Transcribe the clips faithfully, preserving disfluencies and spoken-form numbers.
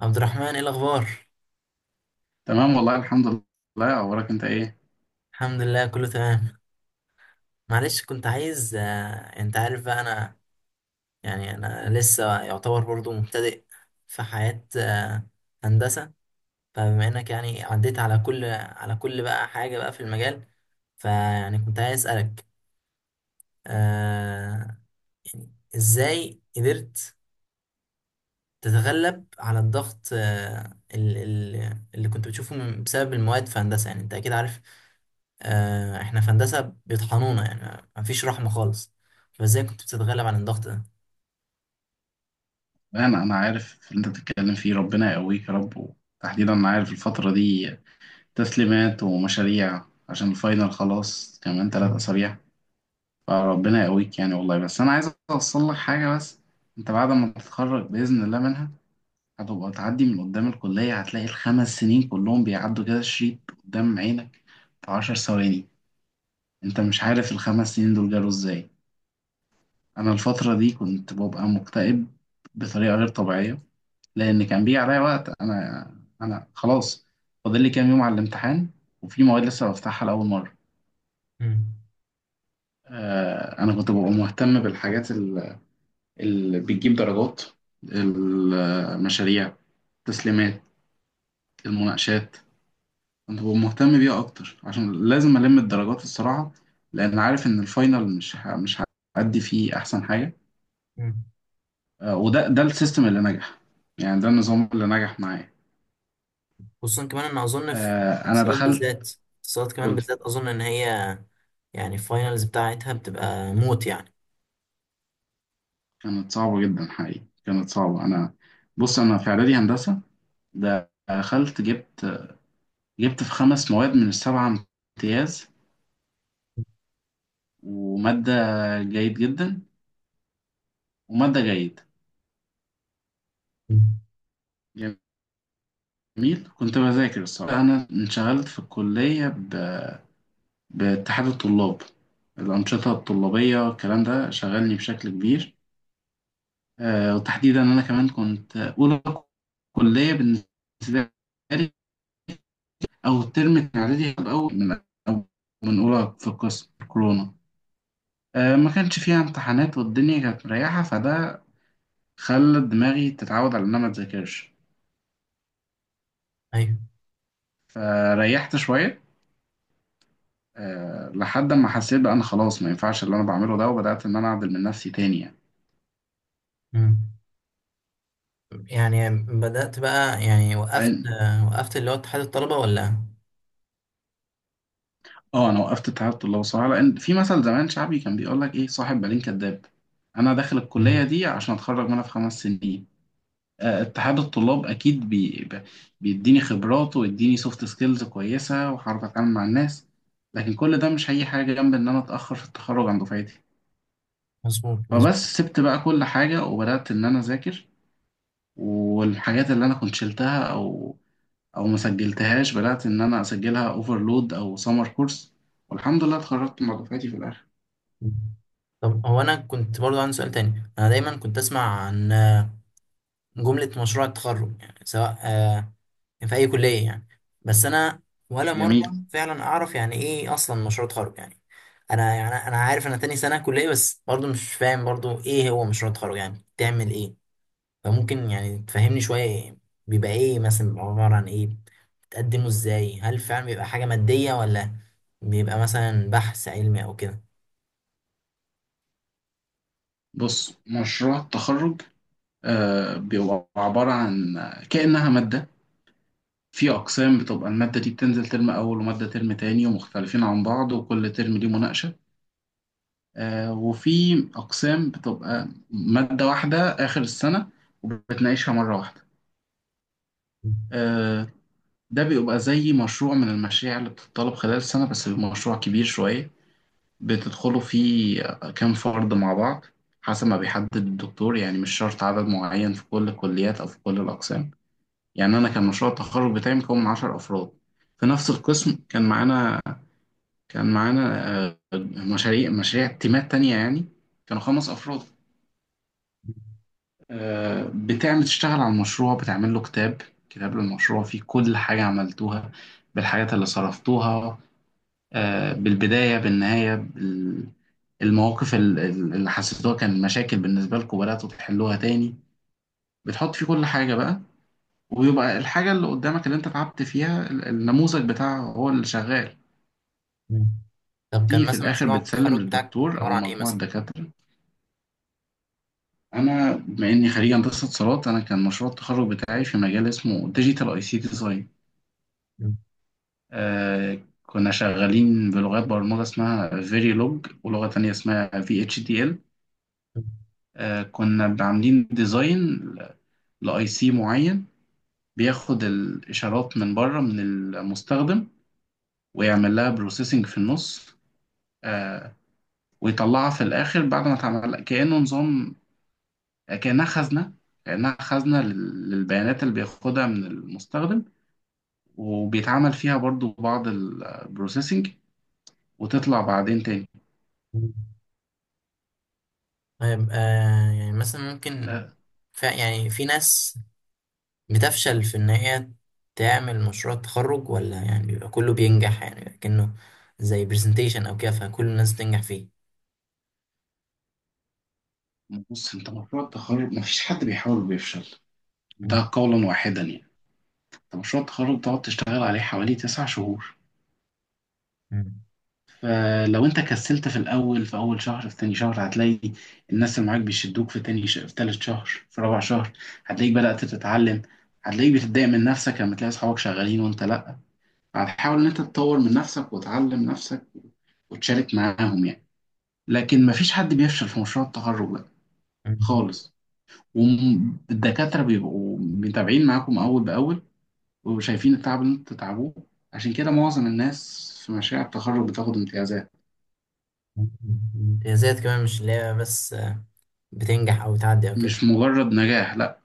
عبد الرحمن، ايه الاخبار؟ تمام والله الحمد لله. اخبارك انت ايه؟ الحمد لله كله تمام. معلش، كنت عايز آه، انت عارف بقى انا يعني انا لسه يعتبر برضو مبتدئ في حياة آه، هندسة. فبما انك يعني عديت على كل على كل بقى حاجة بقى في المجال، فيعني كنت عايز اسألك، آه، يعني ازاي قدرت تتغلب على الضغط، آه، ال- ال- اللي كنت بتشوفه من- بسبب المواد في هندسة؟ يعني انت اكيد عارف، آه، احنا في هندسة بيطحنونا يعني مفيش رحمة خالص. فازاي كنت بتتغلب على الضغط ده؟ لا، انا انا عارف اللي انت بتتكلم فيه، ربنا يقويك يا رب. وتحديدا انا عارف الفتره دي، تسليمات ومشاريع عشان الفاينل، خلاص كمان ثلاث مم. اسابيع فربنا يقويك يعني والله، بس انا عايز اوصل لك حاجه. بس انت بعد ما تتخرج باذن الله منها، هتبقى تعدي من قدام الكليه هتلاقي الخمس سنين كلهم بيعدوا كده شريط قدام عينك في عشر ثواني. انت مش عارف الخمس سنين دول جالوا ازاي. انا الفتره دي كنت ببقى مكتئب بطريقه غير طبيعيه، لان كان بيجي عليا وقت انا انا خلاص، فاضل لي كام يوم على الامتحان وفي مواد لسه بفتحها لاول مره. مم. آه انا كنت ببقى مهتم بالحاجات ال- اللي بتجيب درجات، المشاريع، التسليمات، المناقشات. كنت ببقى مهتم بيها اكتر عشان لازم الم الدرجات الصراحه، لان عارف ان الفاينل مش ه- مش هأدي فيه احسن حاجه. مم. آه وده ده السيستم اللي نجح، يعني ده النظام اللي نجح معايا. خصوصا كمان ان اظن في آه، انا الاتصالات دخلت بالذات. الاتصالات كمان قلت بالذات اظن ان هي يعني الفاينلز بتاعتها بتبقى موت يعني. كانت صعبه جدا، حقيقي كانت صعبه. انا بص انا في اعدادي هندسه دخلت جبت جبت في خمس مواد من السبعه امتياز، وماده جيد جدا، وماده جيد. مم. جميل. كنت بذاكر الصراحه، انا انشغلت في الكليه ب- باتحاد الطلاب، الانشطه الطلابيه، الكلام ده شغلني بشكل كبير. آه، وتحديدا انا كمان كنت اولى كليه بالنسبه لي، أو الترم كان إعدادي، كان أول من أو من أولى في القسم، كورونا، آه، ما كانش فيها امتحانات والدنيا كانت مريحة، فده خلى دماغي تتعود على إن أنا ما أذاكرش. ايوه. فريحت شوية. آه، لحد ما حسيت بقى أنا خلاص ما ينفعش اللي أنا بعمله ده، وبدأت إن أنا أعدل من نفسي تاني يعني. مم. يعني بدأت بقى يعني وقفت، لأن- آه، وقفت اللي هو اتحاد الطلبة ولا؟ اه انا وقفت تعبت الله، وصراحه لان في مثل زمان شعبي كان بيقول لك ايه، صاحب بالين كداب. انا داخل مم. الكليه دي عشان اتخرج منها في خمس سنين. آه، اتحاد الطلاب اكيد بي ب- بيديني خبرات ويديني سوفت سكيلز كويسه، وهعرف اتعامل مع الناس. لكن كل ده مش هي حاجه جنب ان انا اتاخر في التخرج عن دفعتي. مظبوط مظبوط. فبس سبت بقى كل حاجه وبدات ان انا اذاكر، والحاجات اللي انا كنت شلتها او او ما سجلتهاش بدات ان انا اسجلها، اوفرلود او سمر كورس. والحمد لله اتخرجت مع دفعتي في الاخر. طب هو انا كنت برضو عندي سؤال تاني، انا دايما كنت اسمع عن جملة مشروع التخرج، يعني سواء آه، يعني في اي كلية يعني، بس انا ولا مرة جميل. فعلا اعرف يعني ايه اصلا مشروع تخرج يعني. انا يعني انا عارف انا تاني سنة كلية بس برضو مش فاهم برضو ايه هو مشروع التخرج، يعني بتعمل ايه؟ فممكن يعني تفهمني شوية إيه؟ بيبقى ايه مثلا، بيبقى عبارة عن ايه، بتقدمه ازاي، هل فعلا بيبقى حاجة مادية ولا بيبقى مثلا بحث علمي او كده؟ بص، مشروع التخرج آه، بيبقى عباره عن كانها ماده. في أقسام بتبقى المادة دي بتنزل ترم أول ومادة ترم تاني، ومختلفين عن بعض وكل ترم ليه مناقشة. آه، وفي أقسام بتبقى مادة واحدة آخر السنة وبتناقشها مرة واحدة. آه، ده بيبقى زي مشروع من المشاريع اللي بتطلب خلال السنة، بس بيبقى مشروع كبير شوية بتدخلوا فيه كام فرد مع بعض حسب ما بيحدد الدكتور، يعني مش شرط عدد معين في كل الكليات أو في كل الأقسام. يعني أنا كان مشروع التخرج بتاعي مكون من عشرة أفراد في نفس القسم. كان معانا كان معانا آه، مشاريع مشاريع تيمات تانية يعني كانوا خمس أفراد. آه، بتعمل تشتغل على المشروع، بتعمل له كتاب كتاب للمشروع فيه كل حاجة عملتوها، بالحاجات اللي صرفتوها، آه، بالبداية بالنهاية بال- المواقف ال- ال- اللي حسيتوها كان مشاكل بالنسبة لكم بدأتوا تحلوها تاني. بتحط فيه كل حاجة بقى، ويبقى الحاجة اللي قدامك اللي انت تعبت فيها ال- النموذج بتاعها هو اللي شغال. طب كان تيجي في مثلا الآخر مشروع بتسلم التخرج بتاعك للدكتور أو عبارة عن ايه مجموعة مثلا؟ دكاترة. انا بما اني خريج هندسه اتصالات، انا كان مشروع التخرج بتاعي في مجال اسمه ديجيتال اي سي ديزاين. مم. كنا شغالين بلغات برمجه اسمها فيريلوج، ولغه تانية اسمها في اتش دي ال. كنا عاملين ديزاين لاي سي معين بياخد الاشارات من بره من المستخدم، ويعمل لها بروسيسنج في النص، آه، ويطلعها في الاخر بعد ما اتعمل كانه نظام. كانها خزنه كانها خزنه لل- للبيانات اللي بياخدها من المستخدم، وبيتعمل فيها برضو بعض البروسيسنج وتطلع بعدين تاني. مم. طيب آه يعني مثلا ممكن آه، ف... يعني في ناس بتفشل في ان هي تعمل مشروع تخرج ولا يعني بيبقى كله بينجح، يعني بيبقى كأنه زي برزنتيشن او كده فكل الناس بتنجح فيه؟ بص، انت مشروع التخرج مفيش حد بيحاول بيفشل، مم. ده قولا واحدا يعني. انت مشروع التخرج بتقعد تشتغل عليه حوالي تسع شهور، مم. فلو انت كسلت في الاول في اول شهر في تاني شهر هتلاقي الناس اللي معاك بيشدوك في تاني شهر في تالت شهر في رابع شهر. هتلاقيك بدأت تتعلم، هتلاقيك بتتضايق من نفسك لما تلاقي اصحابك شغالين وانت لا. هتحاول ان انت تطور من نفسك وتعلم نفسك وتشارك معاهم يعني. لكن مفيش حد بيفشل في مشروع التخرج ده مم. خالص. والدكاترة بيبقوا متابعين معاكم أول بأول، وشايفين التعب اللي انتوا بتتعبوه، عشان كده معظم الناس في مشاريع التخرج بتاخد امتيازات. امتيازات كمان مش اللي هي بس آه، بتنجح او بتعدي او كده؟ مش مجرد نجاح، لا،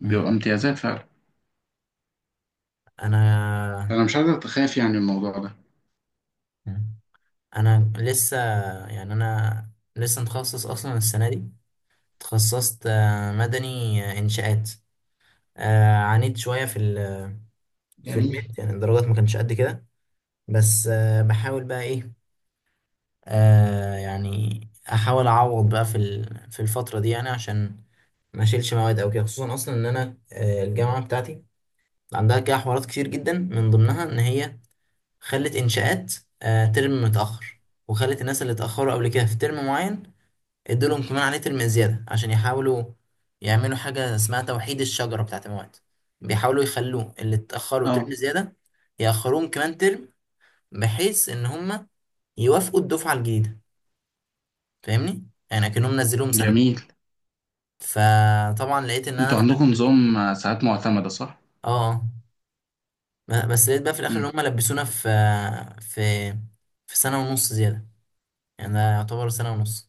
مم. بيبقى امتيازات فعلا. انا. أنا مش قادر أتخاف يعني الموضوع ده. مم. انا لسه يعني انا لسه متخصص اصلا السنة دي. تخصصت آه، مدني، آه، إنشاءات. آه، عانيت شوية في ال- في جميل، الميد، يعني الدرجات ما كانتش قد كده. بس آه، بحاول بقى إيه، آه، يعني أحاول أعوض بقى في ال- في الفترة دي يعني عشان ما أشيلش مواد أو كده. خصوصا أصلا إن أنا آه، الجامعة بتاعتي عندها كده حوارات كتير جدا، من ضمنها إن هي خلت إنشاءات آه، ترم متأخر، وخلت الناس اللي اتأخروا قبل كده في ترم معين ادولهم كمان عليه ترم زيادة، عشان يحاولوا يعملوا حاجة اسمها توحيد الشجرة بتاعة المواد. بيحاولوا يخلوه اللي اتأخروا اه ترم زيادة يأخروهم كمان ترم، بحيث إن هما يوافقوا الدفعة الجديدة. فاهمني؟ يعني أكنهم نزلوهم سنة. جميل. فطبعا لقيت إن أنا انتوا في عندكم الآخر إيه؟ نظام آه، ساعات معتمدة، صح؟ آه. آه. بس لقيت بقى في الآخر إن مم. هما لبسونا في في في سنة ونص زيادة، يعني ده يعتبر سنة ونص.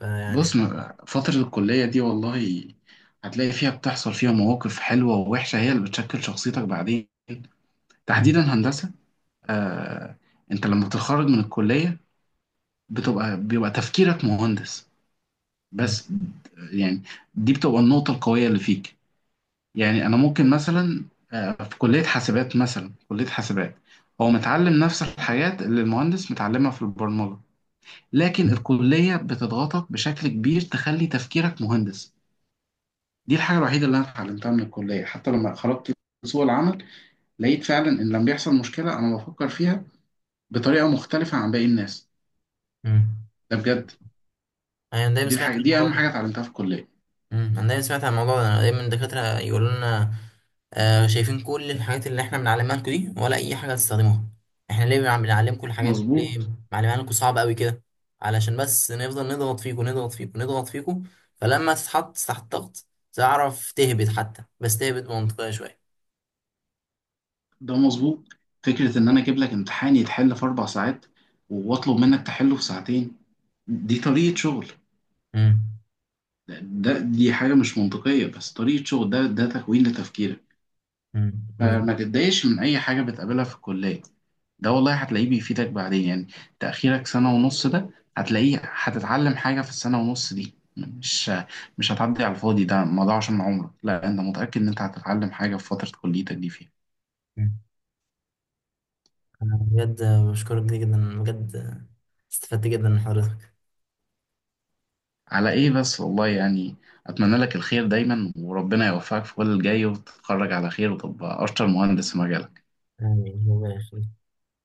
فيعني. بص، م- فترة الكلية دي والله هتلاقي فيها، بتحصل فيها مواقف حلوة ووحشة، هي اللي بتشكل شخصيتك بعدين، تحديدا مم. هندسة. آه، انت لما بتتخرج من الكلية بتبقى بيبقى تفكيرك مهندس مم. بس، يعني دي بتبقى النقطة القوية اللي فيك. يعني انا ممكن مثلا آه، في كلية حاسبات، مثلا كلية حاسبات هو متعلم نفس الحاجات اللي المهندس متعلمها في البرمجة، لكن الكلية بتضغطك بشكل كبير تخلي تفكيرك مهندس. دي الحاجة الوحيدة اللي انا اتعلمتها من الكلية. حتى لما خرجت سوق العمل لقيت فعلا ان لما بيحصل مشكلة انا بفكر فيها بطريقة مختلفة عن باقي الناس. مم. ده بجد، أيوة، أنا دايما دي سمعت الحاجة دي الموضوع أهم ده. حاجة اتعلمتها في الكلية. مم. انا دايما سمعت عن الموضوع ده، أنا دايما الدكاترة يقولوا لنا، آه، شايفين كل الحاجات اللي احنا بنعلمها لكم دي ولا اي حاجة هتستخدموها؟ احنا ليه بنع- بنعلمكم الحاجات دي؟ ليه مظبوط. معلمها لكم صعبة قوي كده؟ علشان بس نفضل نضغط فيكم نضغط فيكم نضغط فيكم، فلما تتحط تحت ضغط تعرف تهبط، حتى بس تهبط منطقية شوية. ده مظبوط. فكرة إن أنا أجيب لك امتحان يتحل في أربع ساعات وأطلب منك تحله في ساعتين، دي طريقة شغل. مم. ده, ده دي حاجة مش منطقية، بس طريقة شغل، ده ده تكوين لتفكيرك. مم. فما تتضايقش من أي حاجة بتقابلها في الكلية، ده والله هتلاقيه بيفيدك بعدين يعني. تأخيرك سنة ونص ده هتلاقيه هتتعلم حاجة في السنة ونص دي، مش مش هتعدي على الفاضي، ده ما ضاعش من عمرك، لا، أنت متأكد إن أنت هتتعلم حاجة في فترة كليتك دي فيها. مم. انا بجد بشكرك جدا جدا، بجد استفدت جدا من حضرتك. على إيه بس والله يعني، أتمنى لك الخير دايما وربنا يوفقك في كل الجاي وتتخرج على خير وتبقى أشطر مهندس في مجالك. آمين، ربنا يخليك.